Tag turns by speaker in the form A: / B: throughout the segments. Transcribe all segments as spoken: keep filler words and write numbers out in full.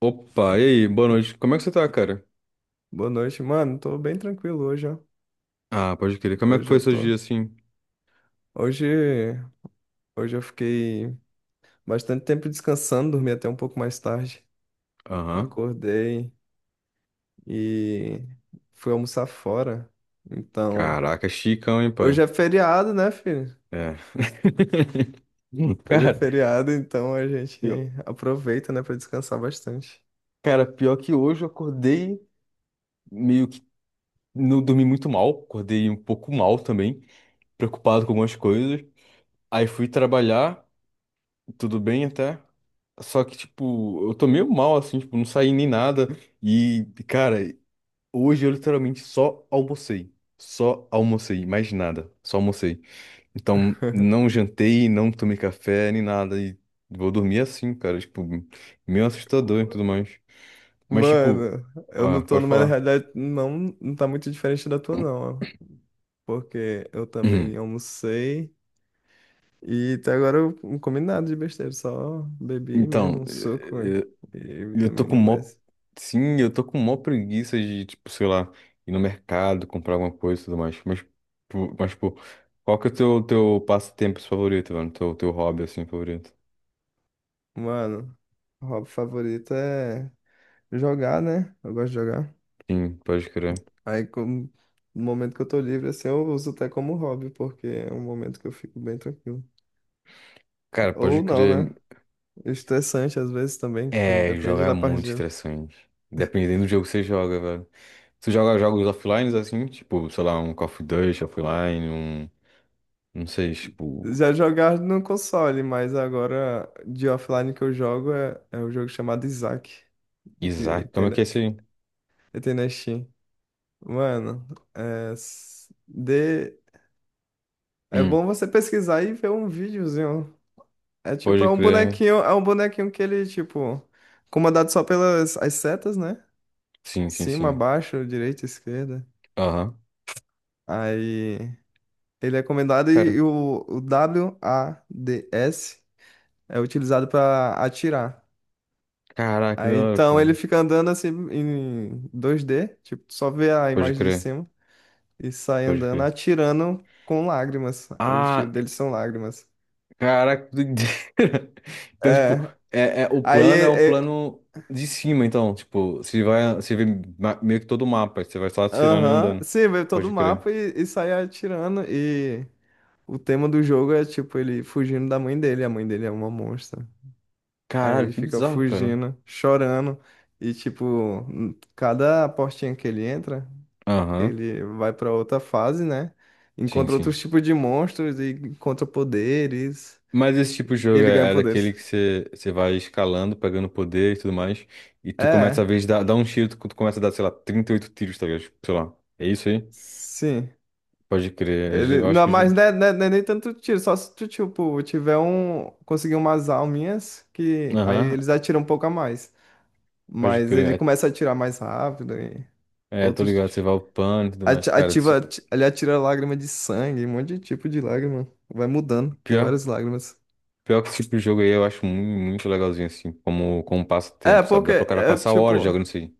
A: Opa, e aí, boa noite. Como é que você tá, cara?
B: Boa noite, mano. Tô bem tranquilo hoje, ó.
A: Ah, pode crer. Como é que
B: Hoje eu
A: foi seu
B: tô.
A: dia assim?
B: Hoje, hoje eu fiquei bastante tempo descansando, dormi até um pouco mais tarde.
A: Aham.
B: Acordei e fui almoçar fora. Então,
A: Caraca, chicão, hein,
B: hoje
A: pai?
B: é feriado, né, filho?
A: É. Hum,
B: Hoje é
A: Cara,
B: feriado, então a gente
A: eu-
B: aproveita, né, pra descansar bastante.
A: cara, pior que hoje eu acordei meio que não dormi muito mal, acordei um pouco mal também, preocupado com algumas coisas. Aí fui trabalhar, tudo bem até. Só que, tipo, eu tô meio mal, assim, tipo, não saí nem nada. E, cara, hoje eu literalmente só almocei. Só almocei, mais nada. Só almocei. Então, não jantei, não tomei café, nem nada. E vou dormir assim, cara. Tipo, meio assustador e tudo mais. Mas, tipo,
B: Mano, eu não
A: ah,
B: tô
A: pode
B: numa
A: falar.
B: realidade, não, não tá muito diferente da tua, não, ó. Porque eu também
A: Uhum.
B: almocei. E até agora eu não comi nada de besteira, só bebi
A: Então,
B: mesmo, um suco
A: eh, eh,
B: e
A: eu tô com
B: vitamina,
A: mó.
B: mas,
A: Sim, eu tô com mó preguiça de, tipo, sei lá, ir no mercado, comprar alguma coisa e tudo mais. Mas, pô, mas, pô, qual que é o teu, teu passatempo favorito, mano? Teu, teu hobby, assim, favorito?
B: mano, o hobby favorito é jogar, né? Eu gosto de jogar.
A: Sim, pode crer.
B: Aí, como, no momento que eu tô livre, assim, eu uso até como hobby, porque é um momento que eu fico bem tranquilo.
A: Cara, pode
B: Ou não,
A: crer.
B: né? Estressante às vezes também, que tem-
A: É, jogar
B: depende
A: é
B: da
A: muito
B: partida.
A: estressante. Dependendo do jogo que você joga, velho. Tu joga jogos offline assim, tipo, sei lá, um Call of Duty offline, um. Não sei, tipo.
B: Já jogar no console, mas agora de offline que eu jogo é, é um jogo chamado Isaac, que
A: Isaac.
B: tem
A: Como é que
B: na,
A: é esse?
B: que tem na Steam. Mano, é, s- de, é
A: Hum,
B: bom você pesquisar e ver um videozinho. É tipo, é
A: pode
B: um
A: crer.
B: bonequinho, é um bonequinho que ele, tipo, comandado só pelas as setas, né?
A: Sim, sim,
B: Cima,
A: sim.
B: baixo, direita, esquerda.
A: Aham.
B: Aí ele é comandado e,
A: Cara,
B: e o, o W A D s é utilizado para atirar.
A: caraca, que da
B: Aí
A: hora,
B: então
A: cara.
B: ele fica andando assim em dois D, tipo, só vê a
A: Pode
B: imagem de
A: crer,
B: cima e sai
A: pode
B: andando
A: crer.
B: atirando com lágrimas. Os tiros
A: Ah,
B: dele são lágrimas.
A: caraca, que doideira. Então, tipo,
B: É.
A: é, é, o
B: Aí,
A: plano é um
B: é, é,
A: plano de cima, então, tipo, você vai, você vê ma- meio que todo o mapa, você vai só atirando e
B: aham,
A: andando.
B: Sim, veio todo o
A: Pode crer.
B: mapa e, e sai atirando. E o tema do jogo é tipo ele fugindo da mãe dele. A mãe dele é uma monstra. Aí
A: Caralho,
B: ele
A: que
B: fica
A: bizarro, cara.
B: fugindo, chorando. E tipo, n- cada portinha que ele entra,
A: Aham,
B: ele vai pra outra fase, né?
A: sim,
B: Encontra outros
A: sim.
B: tipos de monstros e encontra poderes.
A: Mas esse tipo de
B: E
A: jogo
B: ele ganha
A: é, é daquele
B: poderes.
A: que você você vai escalando, pegando poder e tudo mais, e tu começa,
B: É,
A: às vezes, dar dar um tiro, tu, tu começa a dar, sei lá, trinta e oito tiros, tá ligado? Tipo, sei lá, é isso aí?
B: sim.
A: Pode crer,
B: Ele,
A: eu acho
B: não,
A: que... eu já-
B: mas não é, não é- Não é nem tanto tiro, só se tu, tipo, tiver um, conseguir umas alminhas que aí
A: Aham,
B: eles atiram um pouco a mais.
A: pode
B: Mas ele
A: crer.
B: começa a atirar mais rápido e
A: É, é, tô
B: outros
A: ligado, você
B: ti-
A: vai upando e tudo mais,
B: ati-
A: cara.
B: ativa,
A: esse-
B: ati- ele atira lágrima de sangue, um monte de tipo de lágrima. Vai mudando, tem
A: Pior,
B: várias lágrimas.
A: pior que esse tipo de jogo aí eu acho muito, muito legalzinho, assim, como, como passa o
B: É,
A: tempo, sabe?
B: porque
A: Dá pro cara
B: é
A: passar horas
B: tipo,
A: jogando isso aí.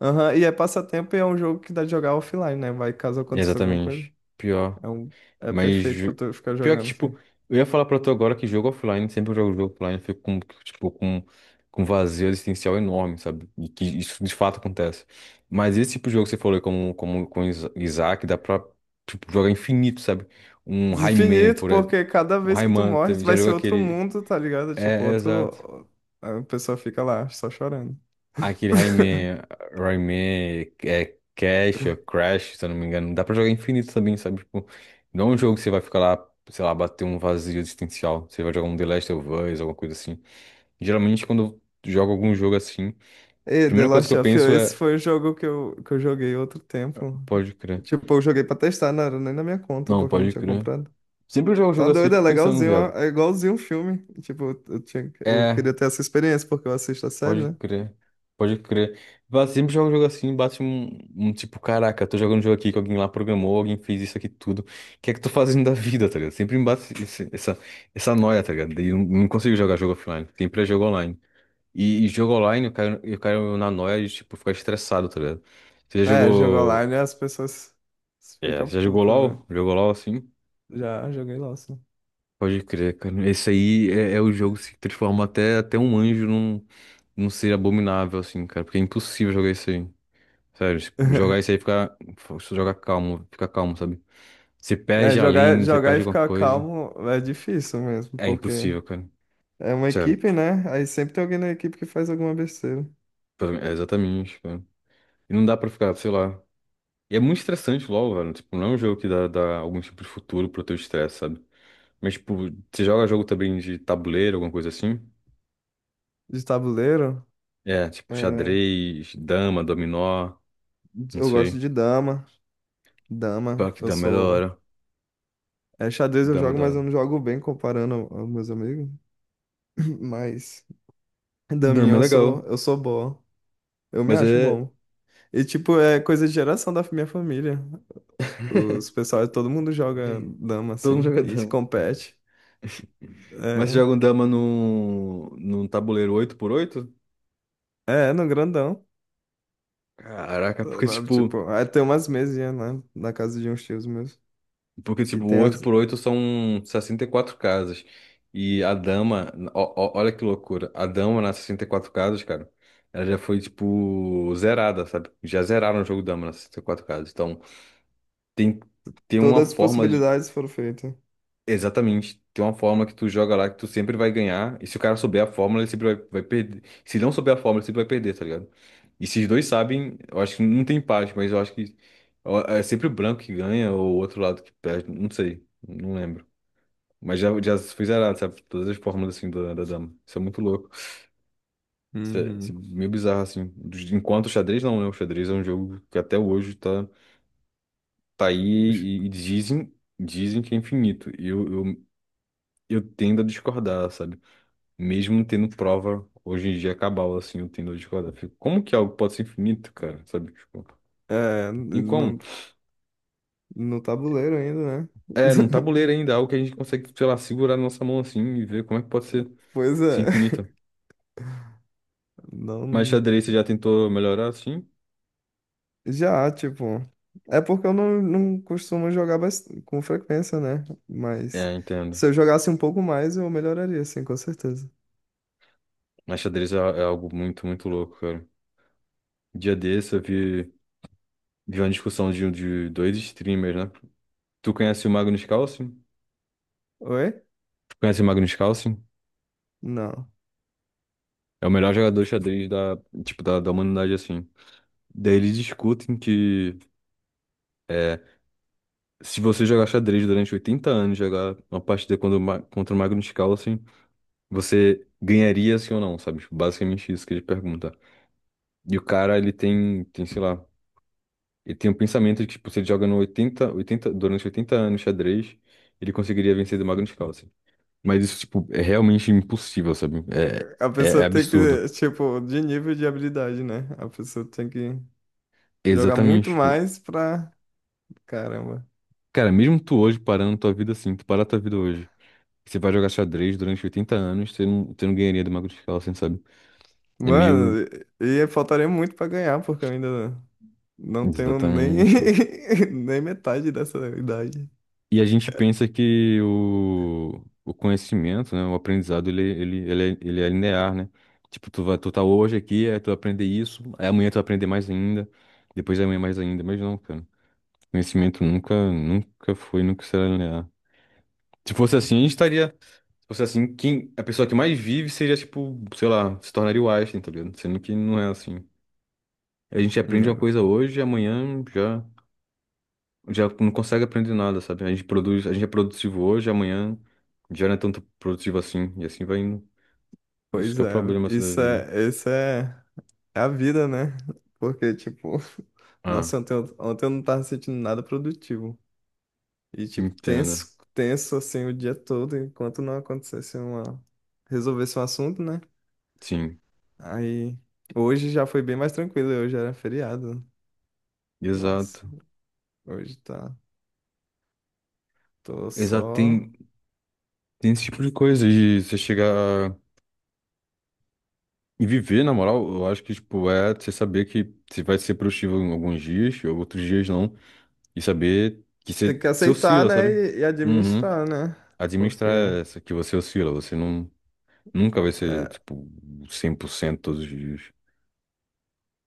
B: aham, e é passatempo e é um jogo que dá de jogar offline, né? Vai caso aconteça alguma coisa.
A: Exatamente. Pior.
B: É um, é
A: Mas
B: perfeito pra tu ficar
A: pior que,
B: jogando assim.
A: tipo, eu ia falar pra tu agora que jogo offline, sempre que eu jogo jogo offline, eu fico com, tipo, com, com vazio existencial enorme, sabe? E que isso de fato acontece. Mas esse tipo de jogo que você falou, aí, como, como com Isa- Isaac, dá pra, tipo, jogar infinito, sabe? Um Rayman,
B: Infinito,
A: por exemplo.
B: porque cada
A: Um
B: vez que tu
A: Rayman
B: morre,
A: também,
B: tu
A: já
B: vai
A: jogou
B: ser outro
A: aquele.
B: mundo, tá ligado? Tipo,
A: É, é, exato.
B: outro. A pessoa fica lá, só chorando.
A: Aquele Rayman, Rayman, é Cash, é Crash, se eu não me engano. Dá pra jogar infinito também, sabe? Tipo, não é um jogo que você vai ficar lá, sei lá, bater um vazio existencial. Você vai jogar um The Last of Us, alguma coisa assim. Geralmente, quando eu jogo algum jogo assim, a
B: E The
A: primeira coisa que
B: Last
A: eu
B: of Us,
A: penso
B: esse
A: é,
B: foi o jogo que eu, que eu joguei outro tempo.
A: pode crer.
B: Tipo, eu joguei pra testar, não era nem na minha conta,
A: Não,
B: porque eu não
A: pode
B: tinha
A: crer.
B: comprado.
A: Sempre que eu jogo um
B: Tá
A: jogo assim, eu
B: doido, é
A: fico pensando,
B: legalzinho, ó,
A: viado.
B: é igualzinho um filme. Tipo, eu, eu tinha, eu
A: é
B: queria ter essa experiência, porque eu assisto a série,
A: Pode
B: né?
A: crer. Pode crer. Vá, sempre joga um jogo assim, bate um, um tipo, caraca, tô jogando um jogo aqui que alguém lá programou, alguém fez isso aqui tudo. O que é que tô fazendo da vida, tá ligado? Sempre me bate esse- essa, essa noia, tá ligado? E não, não consigo jogar jogo offline. Sempre é jogo online. E, e jogo online, eu caio, eu caio na noia de, tipo, ficar estressado, tá ligado? Você já
B: É, jogo
A: jogou.
B: online, as pessoas
A: É,
B: ficam
A: você já jogou
B: putas, né?
A: L O L? Jogou LOL assim?
B: Já joguei LOL, sim.
A: Pode crer, cara. Esse aí é, é o jogo que se transforma até, até um anjo num, num ser abominável, assim, cara. Porque é impossível jogar isso aí. Sério, se jogar isso aí fica. Se jogar calmo, fica calmo, sabe? Se
B: É,
A: perde a
B: jogar,
A: lane, você
B: jogar e
A: perde alguma
B: ficar
A: coisa.
B: calmo é difícil mesmo,
A: É
B: porque
A: impossível, cara.
B: é uma
A: Sério,
B: equipe, né? Aí sempre tem alguém na equipe que faz alguma besteira.
A: pra mim, é exatamente, cara. E não dá pra ficar, sei lá. E é muito estressante logo, velho. Tipo, não é um jogo que dá, dá algum tipo de futuro pro teu estresse, sabe? Mas, tipo, você joga jogo também de tabuleiro, alguma coisa assim?
B: De tabuleiro,
A: É, tipo,
B: é,
A: xadrez, dama, dominó, não
B: eu gosto
A: sei.
B: de dama.
A: Pá,
B: Dama,
A: que
B: eu
A: dama é da
B: sou.
A: hora.
B: É, xadrez eu
A: Dama é
B: jogo,
A: da
B: mas eu
A: hora.
B: não jogo bem comparando ao- aos meus amigos. Mas daminha
A: Dama é
B: eu sou,
A: legal,
B: eu sou bom. Eu me
A: mas
B: acho
A: é.
B: bom. E tipo, é coisa de geração da minha família. Os pessoal, todo mundo joga
A: É,
B: dama
A: Todo mundo
B: assim
A: joga
B: e se
A: dama.
B: compete.
A: Mas você
B: É,
A: joga um dama num, num tabuleiro oito por oito,
B: é, no grandão.
A: Caraca, porque
B: Sabe?
A: tipo,
B: Tipo, aí tem umas mesinhas, né? Na casa de uns tios meus.
A: porque
B: Que
A: tipo, o
B: tem
A: oito
B: as.
A: x 8 são sessenta e quatro casas. E a dama, ó- ó- olha que loucura. A dama nas sessenta e quatro casas, cara, ela já foi tipo zerada, sabe? Já zeraram o jogo dama nas sessenta e quatro casas. Então, tem tem uma
B: Todas as
A: forma
B: possibilidades foram feitas.
A: Exatamente. Tem uma fórmula que tu joga lá que tu sempre vai ganhar. E se o cara souber a fórmula, ele sempre vai, vai perder. Se ele não souber a fórmula, ele sempre vai perder, tá ligado? E se os dois sabem, eu acho que não tem empate, mas eu acho que ó, é sempre o branco que ganha ou o outro lado que perde. Não sei. Não lembro. Mas já, já foi zerado, sabe? Todas as fórmulas assim da, da dama. Isso é muito louco. Isso é, isso é
B: Uhum.
A: meio bizarro, assim. Dos- Enquanto o xadrez não, né? O xadrez é um jogo que até hoje tá, tá aí
B: Ux,
A: e, e dizem, dizem que é infinito. E eu, eu, eu tendo a discordar, sabe? Mesmo tendo prova, hoje em dia é cabal, assim, eu tendo de quadra. Fico, como que algo pode ser infinito, cara? Sabe? Tipo,
B: É,
A: em como?
B: no, no tabuleiro ainda, né?
A: É, num tabuleiro ainda, algo que a gente consegue, sei lá, segurar na nossa mão assim e ver como é que pode ser,
B: Pois
A: ser
B: é.
A: infinito. Mas
B: Não.
A: xadrez você já tentou melhorar assim?
B: Já, tipo. É porque eu não, não costumo jogar bas- com frequência, né? Mas
A: É, entendo.
B: se eu jogasse um pouco mais, eu melhoraria, assim, com certeza.
A: Mas xadrez é, é algo muito, muito louco, cara. Dia desse eu vi, vi uma discussão de, de dois streamers, né? Tu conhece o Magnus Carlsen?
B: Oi?
A: Tu conhece o Magnus Carlsen?
B: Não.
A: É o melhor jogador de xadrez da, tipo, da, da humanidade, assim. Daí eles discutem que É, se você jogar xadrez durante oitenta anos, jogar uma partida contra o, Ma- contra o Magnus Carlsen, você ganharia sim ou não, sabe? Tipo, basicamente isso que ele pergunta. E o cara, ele tem, tem, sei lá, ele tem um pensamento de que, tipo, se ele joga no oitenta oitenta durante oitenta anos xadrez, ele conseguiria vencer do Magnus Carlsen. Mas isso, tipo, é realmente impossível, sabe?
B: A
A: É, é, é
B: pessoa tem
A: absurdo.
B: que, tipo, de nível de habilidade, né? A pessoa tem que. Jogar
A: Exatamente,
B: muito
A: tipo,
B: mais pra. Caramba.
A: cara, mesmo tu hoje parando tua vida assim, tu parar tua vida hoje, você vai jogar xadrez durante oitenta anos, você não, você não ganharia do Magnus Carlsen, sabe? É
B: Mano,
A: meio.
B: e e faltaria muito pra ganhar, porque eu ainda não tenho nem,
A: Exatamente.
B: nem metade dessa idade.
A: E a gente pensa que o, o conhecimento, né, o aprendizado, ele, ele, ele, é, ele é linear, né? Tipo, tu vai, tu tá hoje aqui, aí tu vai aprender isso, aí amanhã tu vai aprender mais ainda, depois amanhã mais ainda, mas não, cara. Conhecimento nunca, nunca foi, nunca será linear. Se fosse assim, a gente estaria. Se fosse assim, quem, a pessoa que mais vive seria, tipo, sei lá, se tornaria o Einstein, tá ligado? Sendo que não é assim. A gente aprende
B: Né,
A: uma
B: meu?
A: coisa hoje, amanhã já. Já não consegue aprender nada, sabe? A gente produz, a gente é produtivo hoje, amanhã já não é tanto produtivo assim, e assim vai indo. Isso
B: Pois
A: que é o
B: é,
A: problema assim, da
B: isso
A: vida.
B: é, isso é, é a vida, né? Porque, tipo,
A: Ah,
B: nossa, ontem, eu- ontem eu não tava sentindo nada produtivo. E, tipo,
A: entenda.
B: tenso, tenso assim o dia todo, enquanto não acontecesse uma. Resolvesse um assunto, né?
A: Sim,
B: Aí, hoje já foi bem mais tranquilo, hoje era feriado. Nossa.
A: exato.
B: Hoje tá. Tô
A: Exato,
B: só.
A: tem, tem esse tipo de coisa de você chegar e viver, na moral, eu acho que, tipo, é você saber que você vai ser produtivo em alguns dias, ou outros dias não, e saber que
B: Tem
A: você,
B: que
A: você
B: aceitar,
A: oscila,
B: né?
A: sabe?
B: E, e
A: Uhum.
B: administrar, né?
A: Administrar
B: Porque.
A: essa, que você oscila, você não, nunca vai ser,
B: É,
A: tipo, cem por cento todos os dias.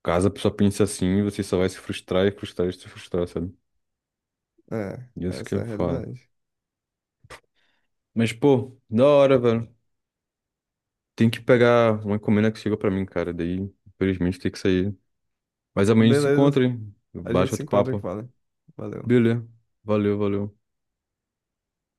A: Caso a pessoa pense assim, você só vai se frustrar e frustrar e se frustrar, sabe?
B: é,
A: E é isso que
B: essa
A: é
B: é a
A: foda.
B: realidade.
A: Mas, pô, da hora, velho. Tem que pegar uma encomenda que chegou pra mim, cara. Daí, infelizmente, tem que sair. Mas amanhã a gente se encontra,
B: Beleza.
A: hein?
B: A gente
A: Baixa
B: se
A: outro
B: encontra aqui,
A: papo.
B: vale. Valeu.
A: Beleza. Valeu, valeu.